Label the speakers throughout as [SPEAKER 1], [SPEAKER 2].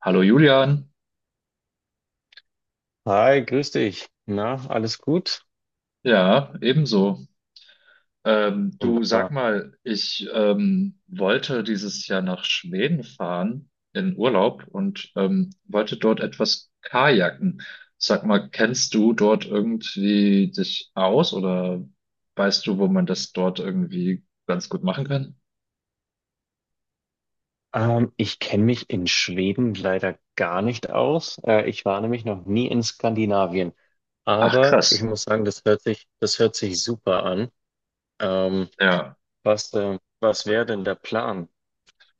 [SPEAKER 1] Hallo Julian,
[SPEAKER 2] Hi, grüß dich. Na, alles gut?
[SPEAKER 1] ja, ebenso. Du sag
[SPEAKER 2] Wunderbar.
[SPEAKER 1] mal, ich wollte dieses Jahr nach Schweden fahren in Urlaub und wollte dort etwas kajaken. Sag mal, kennst du dort irgendwie dich aus oder weißt du, wo man das dort irgendwie ganz gut machen kann?
[SPEAKER 2] Ich kenne mich in Schweden leider gar nicht aus. Ich war nämlich noch nie in Skandinavien.
[SPEAKER 1] Ach,
[SPEAKER 2] Aber ich
[SPEAKER 1] krass.
[SPEAKER 2] muss sagen, das hört sich super an. Ähm,
[SPEAKER 1] Ja.
[SPEAKER 2] was wäre denn der Plan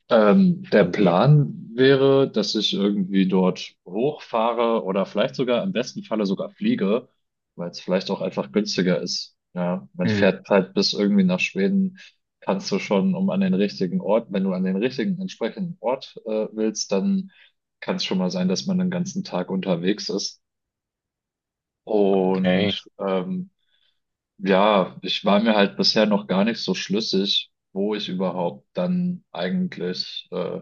[SPEAKER 1] Der
[SPEAKER 2] von dir?
[SPEAKER 1] Plan wäre, dass ich irgendwie dort hochfahre oder vielleicht sogar im besten Falle sogar fliege, weil es vielleicht auch einfach günstiger ist. Ja, man
[SPEAKER 2] Hm,
[SPEAKER 1] fährt halt bis irgendwie nach Schweden, kannst du schon um an den richtigen Ort, wenn du an den richtigen entsprechenden Ort willst, dann kann es schon mal sein, dass man den ganzen Tag unterwegs ist.
[SPEAKER 2] okay.
[SPEAKER 1] Und ja, ich war mir halt bisher noch gar nicht so schlüssig, wo ich überhaupt dann eigentlich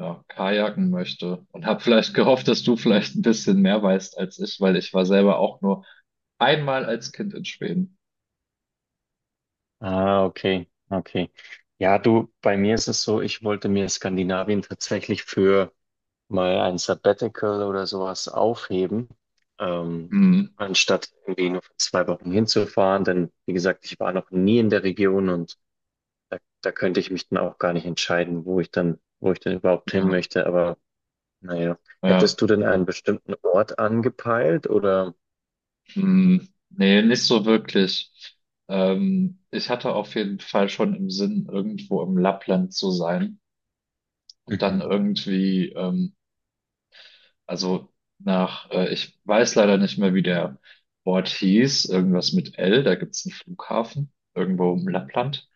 [SPEAKER 1] ja, kajaken möchte und habe vielleicht gehofft, dass du vielleicht ein bisschen mehr weißt als ich, weil ich war selber auch nur einmal als Kind in Schweden.
[SPEAKER 2] Ah, okay. Okay. Ja, du, bei mir ist es so, ich wollte mir Skandinavien tatsächlich für mal ein Sabbatical oder sowas aufheben, ähm,
[SPEAKER 1] Hm,
[SPEAKER 2] anstatt irgendwie nur für 2 Wochen hinzufahren. Denn wie gesagt, ich war noch nie in der Region und da könnte ich mich dann auch gar nicht entscheiden, wo ich dann überhaupt hin
[SPEAKER 1] ja,
[SPEAKER 2] möchte. Aber naja,
[SPEAKER 1] ja,
[SPEAKER 2] hättest du denn einen bestimmten Ort angepeilt oder?
[SPEAKER 1] hm, nee, nicht so wirklich. Ich hatte auf jeden Fall schon im Sinn, irgendwo im Lappland zu sein und dann
[SPEAKER 2] Mhm.
[SPEAKER 1] irgendwie, also nach, ich weiß leider nicht mehr, wie der Ort hieß, irgendwas mit L, da gibt's einen Flughafen irgendwo im Lappland.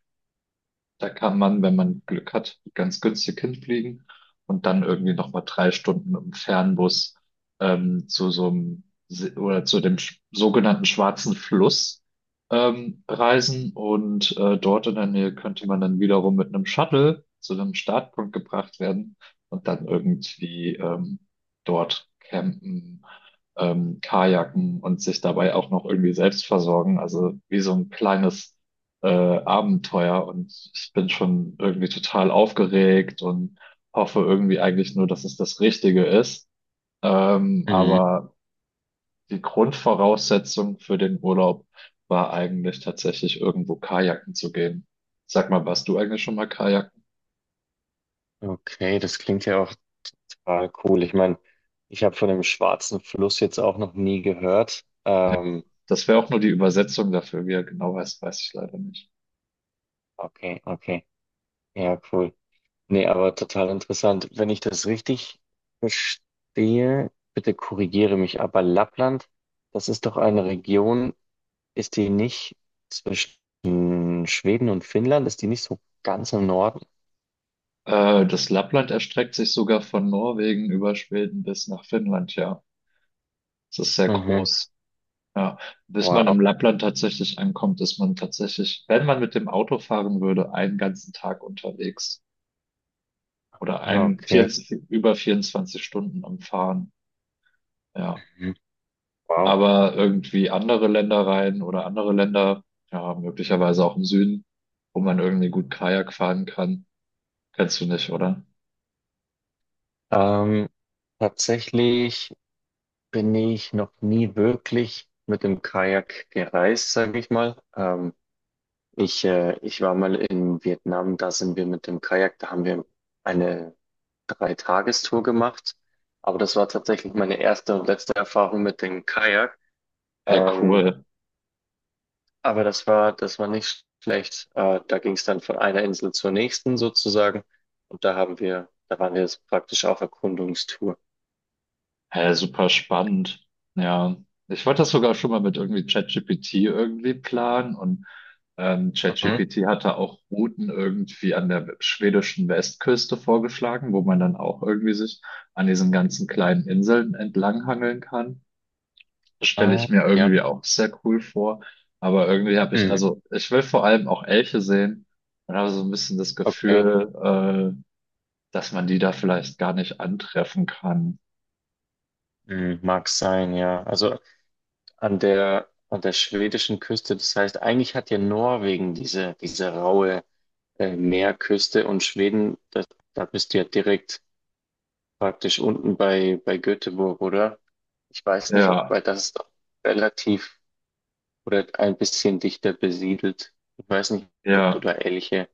[SPEAKER 1] Da kann man, wenn man Glück hat, ganz günstig hinfliegen und dann irgendwie nochmal drei Stunden im Fernbus zu so einem Se- oder zu dem sch- sogenannten Schwarzen Fluss reisen. Und dort in der Nähe könnte man dann wiederum mit einem Shuttle zu einem Startpunkt gebracht werden und dann irgendwie dort campen, kajaken und sich dabei auch noch irgendwie selbst versorgen. Also wie so ein kleines äh, Abenteuer, und ich bin schon irgendwie total aufgeregt und hoffe irgendwie eigentlich nur, dass es das Richtige ist. Ähm,
[SPEAKER 2] Mhm.
[SPEAKER 1] aber die Grundvoraussetzung für den Urlaub war eigentlich tatsächlich irgendwo kajaken zu gehen. Sag mal, warst du eigentlich schon mal kajaken?
[SPEAKER 2] Okay, das klingt ja auch total cool. Ich meine, ich habe von dem Schwarzen Fluss jetzt auch noch nie gehört.
[SPEAKER 1] Ja. Das wäre auch nur die Übersetzung dafür. Wie er genau heißt, weiß ich leider nicht.
[SPEAKER 2] Okay, okay. Ja, cool. Nee, aber total interessant. Wenn ich das richtig verstehe, bitte korrigiere mich, aber Lappland, das ist doch eine Region, ist die nicht zwischen Schweden und Finnland? Ist die nicht so ganz im Norden?
[SPEAKER 1] Das Lappland erstreckt sich sogar von Norwegen über Schweden bis nach Finnland, ja. Es ist sehr
[SPEAKER 2] Mhm.
[SPEAKER 1] groß. Ja, bis
[SPEAKER 2] Wow.
[SPEAKER 1] man im Lappland tatsächlich ankommt, ist man tatsächlich, wenn man mit dem Auto fahren würde, einen ganzen Tag unterwegs oder
[SPEAKER 2] Ah,
[SPEAKER 1] ein
[SPEAKER 2] okay.
[SPEAKER 1] 24, über 24 Stunden am Fahren. Ja,
[SPEAKER 2] Mhm. Wow.
[SPEAKER 1] aber irgendwie andere Länder rein oder andere Länder, ja, möglicherweise auch im Süden, wo man irgendwie gut Kajak fahren kann, kennst du nicht, oder?
[SPEAKER 2] Ähm, Tatsächlich bin ich noch nie wirklich mit dem Kajak gereist, sage ich mal. Ich war mal in Vietnam, da sind wir mit dem Kajak, da haben wir eine Dreitagestour gemacht. Aber das war tatsächlich meine erste und letzte Erfahrung mit dem Kajak.
[SPEAKER 1] Hey,
[SPEAKER 2] Ähm,
[SPEAKER 1] cool.
[SPEAKER 2] aber das war nicht schlecht. Da ging es dann von einer Insel zur nächsten sozusagen. Und da waren wir jetzt praktisch auf Erkundungstour.
[SPEAKER 1] Hä, super spannend. Ja, ich wollte das sogar schon mal mit irgendwie ChatGPT irgendwie planen, und
[SPEAKER 2] Mhm.
[SPEAKER 1] ChatGPT hatte auch Routen irgendwie an der schwedischen Westküste vorgeschlagen, wo man dann auch irgendwie sich an diesen ganzen kleinen Inseln entlanghangeln kann. Das stelle
[SPEAKER 2] Ah,
[SPEAKER 1] ich mir
[SPEAKER 2] ja.
[SPEAKER 1] irgendwie auch sehr cool vor. Aber irgendwie habe ich,
[SPEAKER 2] Mhm.
[SPEAKER 1] also ich will vor allem auch Elche sehen und habe so ein bisschen das
[SPEAKER 2] Okay.
[SPEAKER 1] Gefühl, dass man die da vielleicht gar nicht antreffen kann.
[SPEAKER 2] Mhm. Mag sein, ja. Also an der schwedischen Küste. Das heißt, eigentlich hat ja Norwegen diese raue Meerküste und Schweden, da bist du ja direkt praktisch unten bei Göteborg, oder? Ich weiß nicht,
[SPEAKER 1] Ja,
[SPEAKER 2] weil das ist doch relativ oder ein bisschen dichter besiedelt. Ich weiß nicht, ob du
[SPEAKER 1] ja,
[SPEAKER 2] da ähnliche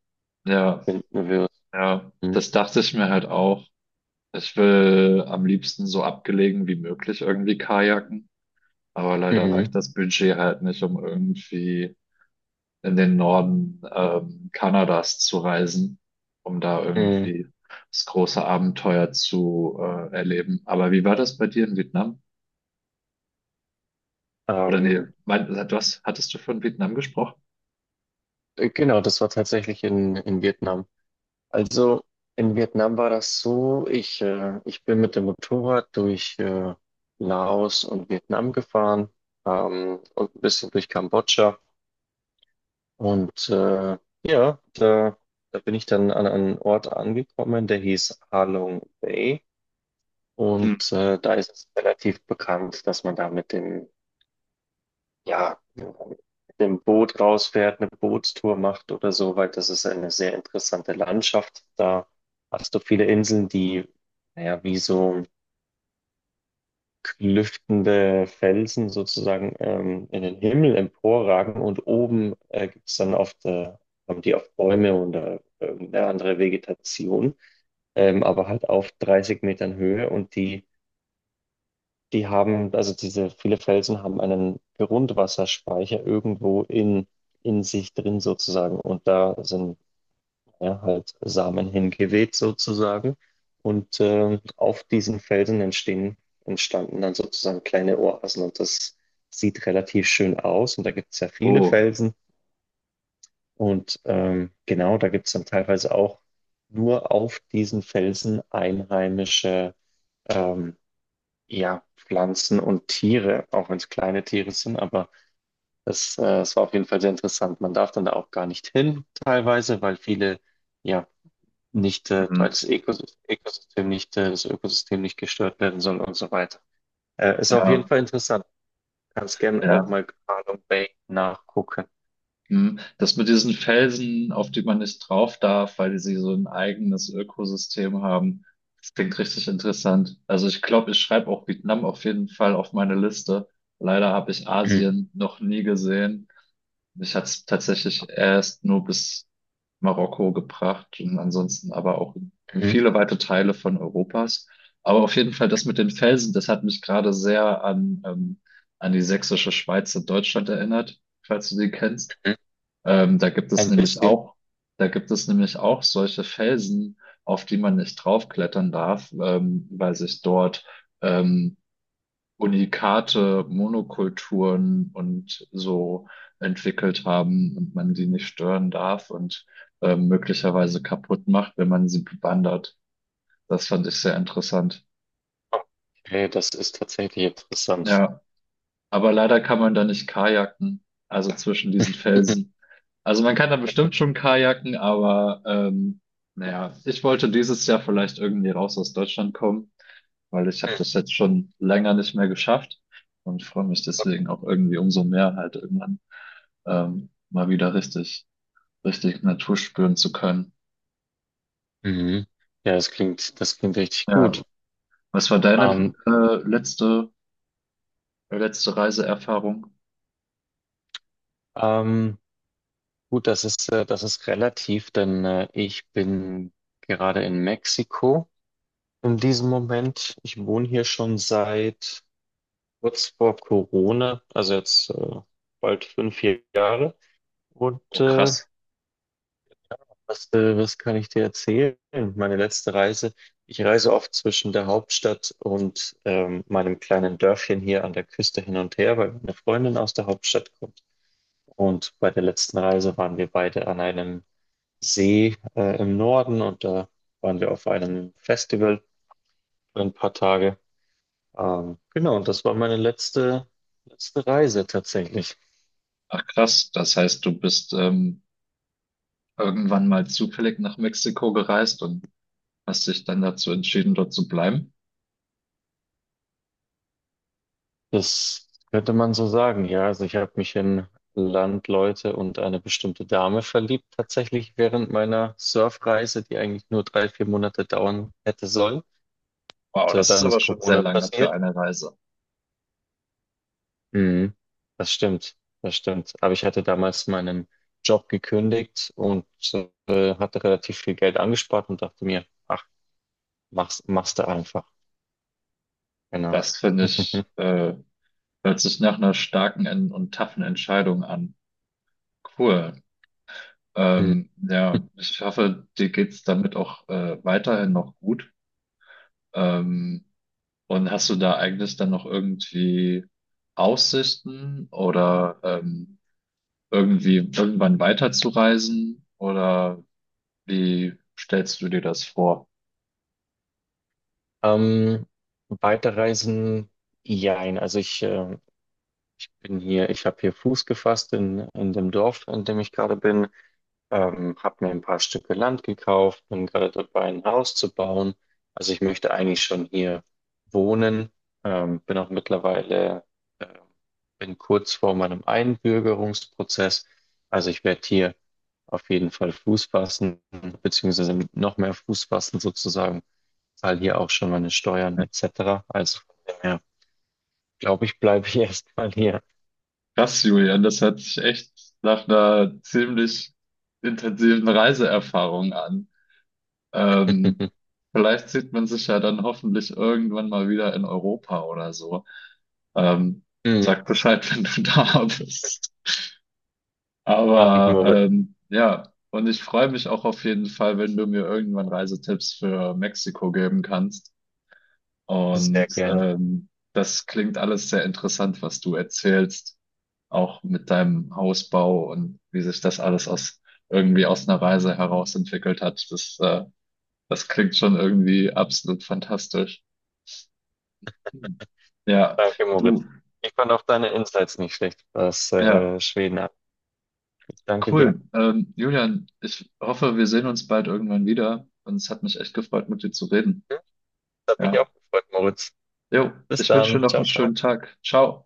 [SPEAKER 1] ja.
[SPEAKER 2] finden wirst.
[SPEAKER 1] Ja,
[SPEAKER 2] Mhm.
[SPEAKER 1] das dachte ich mir halt auch. Ich will am liebsten so abgelegen wie möglich irgendwie kajaken, aber leider
[SPEAKER 2] Mhm.
[SPEAKER 1] reicht das Budget halt nicht, um irgendwie in den Norden Kanadas zu reisen, um da
[SPEAKER 2] Mhm.
[SPEAKER 1] irgendwie das große Abenteuer zu erleben. Aber wie war das bei dir in Vietnam? Oder nee,
[SPEAKER 2] Ähm,
[SPEAKER 1] mein, du hattest du von Vietnam gesprochen?
[SPEAKER 2] genau, das war tatsächlich in Vietnam. Also in Vietnam war das so, ich bin mit dem Motorrad durch Laos und Vietnam gefahren, und ein bisschen durch Kambodscha. Und ja, da bin ich dann an einen Ort angekommen, der hieß Ha Long Bay.
[SPEAKER 1] Hm.
[SPEAKER 2] Und da ist es relativ bekannt, dass man da mit dem Boot rausfährt, eine Bootstour macht oder so, weil das ist eine sehr interessante Landschaft. Da hast du viele Inseln, die, naja, wie so klüftende Felsen sozusagen in den Himmel emporragen, und oben gibt es dann oft, haben die oft Bäume oder irgendeine andere Vegetation, aber halt auf 30 Metern Höhe. Und die haben, also diese viele Felsen haben einen Grundwasserspeicher irgendwo in sich drin sozusagen. Und da sind ja halt Samen hingeweht sozusagen. Und auf diesen Felsen entstehen, entstanden dann sozusagen kleine Oasen. Und das sieht relativ schön aus. Und da gibt es ja viele
[SPEAKER 1] Oh,
[SPEAKER 2] Felsen. Und genau, da gibt es dann teilweise auch nur auf diesen Felsen einheimische, ähm, ja, Pflanzen und Tiere, auch wenn es kleine Tiere sind. Aber es war auf jeden Fall sehr interessant. Man darf dann da auch gar nicht hin, teilweise, weil viele, ja, nicht, weil
[SPEAKER 1] mhm.
[SPEAKER 2] das Ökosystem, Ökosystem nicht, das Ökosystem nicht gestört werden soll und so weiter. Ist auf jeden
[SPEAKER 1] Ja,
[SPEAKER 2] Fall interessant. Kannst gerne auch
[SPEAKER 1] ja.
[SPEAKER 2] mal Carlum Bay nachgucken.
[SPEAKER 1] Hm, das mit diesen Felsen, auf die man nicht drauf darf, weil die sie so ein eigenes Ökosystem haben, das klingt richtig interessant. Also ich glaube, ich schreibe auch Vietnam auf jeden Fall auf meine Liste. Leider habe ich
[SPEAKER 2] Mhm.
[SPEAKER 1] Asien noch nie gesehen. Mich hat es tatsächlich erst nur bis Marokko gebracht und ansonsten aber auch in
[SPEAKER 2] Mhm.
[SPEAKER 1] viele weite Teile von Europas. Aber auf jeden Fall das mit den Felsen, das hat mich gerade sehr an, an die Sächsische Schweiz in Deutschland erinnert, falls du die kennst.
[SPEAKER 2] Mhm.
[SPEAKER 1] Da gibt es
[SPEAKER 2] Ein
[SPEAKER 1] nämlich
[SPEAKER 2] bisschen.
[SPEAKER 1] auch, da gibt es nämlich auch solche Felsen, auf die man nicht draufklettern darf, weil sich dort ähm, Unikate, Monokulturen und so entwickelt haben und man die nicht stören darf und möglicherweise kaputt macht, wenn man sie bewandert. Das fand ich sehr interessant.
[SPEAKER 2] Okay, das ist tatsächlich interessant.
[SPEAKER 1] Ja, aber leider kann man da nicht kajaken, also zwischen diesen Felsen. Also man kann da bestimmt schon kajaken, aber naja, ich wollte dieses Jahr vielleicht irgendwie raus aus Deutschland kommen, weil ich habe
[SPEAKER 2] Mhm.
[SPEAKER 1] das jetzt schon länger nicht mehr geschafft und freue mich deswegen auch irgendwie umso mehr halt irgendwann mal wieder richtig, richtig Natur spüren zu können.
[SPEAKER 2] Mhm. Ja, das klingt richtig
[SPEAKER 1] Ja,
[SPEAKER 2] gut.
[SPEAKER 1] was war deine
[SPEAKER 2] Ähm,
[SPEAKER 1] letzte, letzte Reiseerfahrung?
[SPEAKER 2] ähm, Gut, das ist relativ, denn ich bin gerade in Mexiko in diesem Moment. Ich wohne hier schon seit kurz vor Corona, also jetzt bald 5 Jahre. Und
[SPEAKER 1] Oh,
[SPEAKER 2] äh,
[SPEAKER 1] krass.
[SPEAKER 2] was, äh, was kann ich dir erzählen? Meine letzte Reise. Ich reise oft zwischen der Hauptstadt und meinem kleinen Dörfchen hier an der Küste hin und her, weil meine Freundin aus der Hauptstadt kommt. Und bei der letzten Reise waren wir beide an einem See im Norden, und da waren wir auf einem Festival für ein paar Tage. Genau, und das war meine letzte Reise tatsächlich.
[SPEAKER 1] Ach krass, das heißt, du bist irgendwann mal zufällig nach Mexiko gereist und hast dich dann dazu entschieden, dort zu bleiben?
[SPEAKER 2] Das könnte man so sagen, ja. Also ich habe mich in Landleute und eine bestimmte Dame verliebt, tatsächlich während meiner Surfreise, die eigentlich nur 3, 4 Monate dauern hätte sollen.
[SPEAKER 1] Wow,
[SPEAKER 2] Und, äh,
[SPEAKER 1] das ist
[SPEAKER 2] Dann
[SPEAKER 1] aber
[SPEAKER 2] ist
[SPEAKER 1] schon sehr
[SPEAKER 2] Corona
[SPEAKER 1] lange für
[SPEAKER 2] passiert.
[SPEAKER 1] eine Reise.
[SPEAKER 2] Mhm. Das stimmt, das stimmt. Aber ich hatte damals meinen Job gekündigt und hatte relativ viel Geld angespart und dachte mir, ach, mach's, mach's da einfach. Genau.
[SPEAKER 1] Das finde ich, hört sich nach einer starken taffen Entscheidung an. Cool.
[SPEAKER 2] Mhm.
[SPEAKER 1] Ja, ich hoffe, dir geht's damit auch weiterhin noch gut. Ähm, und hast du da eigentlich dann noch irgendwie Aussichten oder irgendwie irgendwann weiterzureisen? Oder wie stellst du dir das vor?
[SPEAKER 2] Ähm, Weiterreisen, jein. Also ich bin hier, ich habe hier Fuß gefasst in dem Dorf, in dem ich gerade bin. Habe mir ein paar Stücke Land gekauft, bin gerade dabei, ein Haus zu bauen. Also ich möchte eigentlich schon hier wohnen. Bin auch mittlerweile, äh, bin kurz vor meinem Einbürgerungsprozess. Also ich werde hier auf jeden Fall Fuß fassen, beziehungsweise noch mehr Fuß fassen sozusagen. Zahle hier auch schon meine Steuern etc. Also von dem her, glaube ich, bleibe ich erstmal hier.
[SPEAKER 1] Krass, Julian, das hört sich echt nach einer ziemlich intensiven Reiseerfahrung an. Ähm, vielleicht sieht man sich ja dann hoffentlich irgendwann mal wieder in Europa oder so. Ähm, sag Bescheid, wenn du da bist.
[SPEAKER 2] Mache ich,
[SPEAKER 1] Aber
[SPEAKER 2] Moritz,
[SPEAKER 1] ja, und ich freue mich auch auf jeden Fall, wenn du mir irgendwann Reisetipps für Mexiko geben kannst.
[SPEAKER 2] sehr
[SPEAKER 1] Und
[SPEAKER 2] gerne.
[SPEAKER 1] das klingt alles sehr interessant, was du erzählst, auch mit deinem Hausbau und wie sich das alles aus aus einer Reise heraus entwickelt hat. Das, das klingt schon irgendwie absolut fantastisch. Hm. Ja,
[SPEAKER 2] Danke,
[SPEAKER 1] du,
[SPEAKER 2] Moritz. Ich fand auch deine Insights nicht schlecht, was
[SPEAKER 1] ja,
[SPEAKER 2] Schweden ab. Ich danke dir.
[SPEAKER 1] cool. Julian, ich hoffe, wir sehen uns bald irgendwann wieder. Und es hat mich echt gefreut, mit dir zu reden.
[SPEAKER 2] Das hat mich
[SPEAKER 1] Ja.
[SPEAKER 2] auch gefreut, Moritz.
[SPEAKER 1] Jo,
[SPEAKER 2] Bis
[SPEAKER 1] ich wünsche dir
[SPEAKER 2] dann.
[SPEAKER 1] noch einen
[SPEAKER 2] Ciao, ciao.
[SPEAKER 1] schönen Tag. Ciao.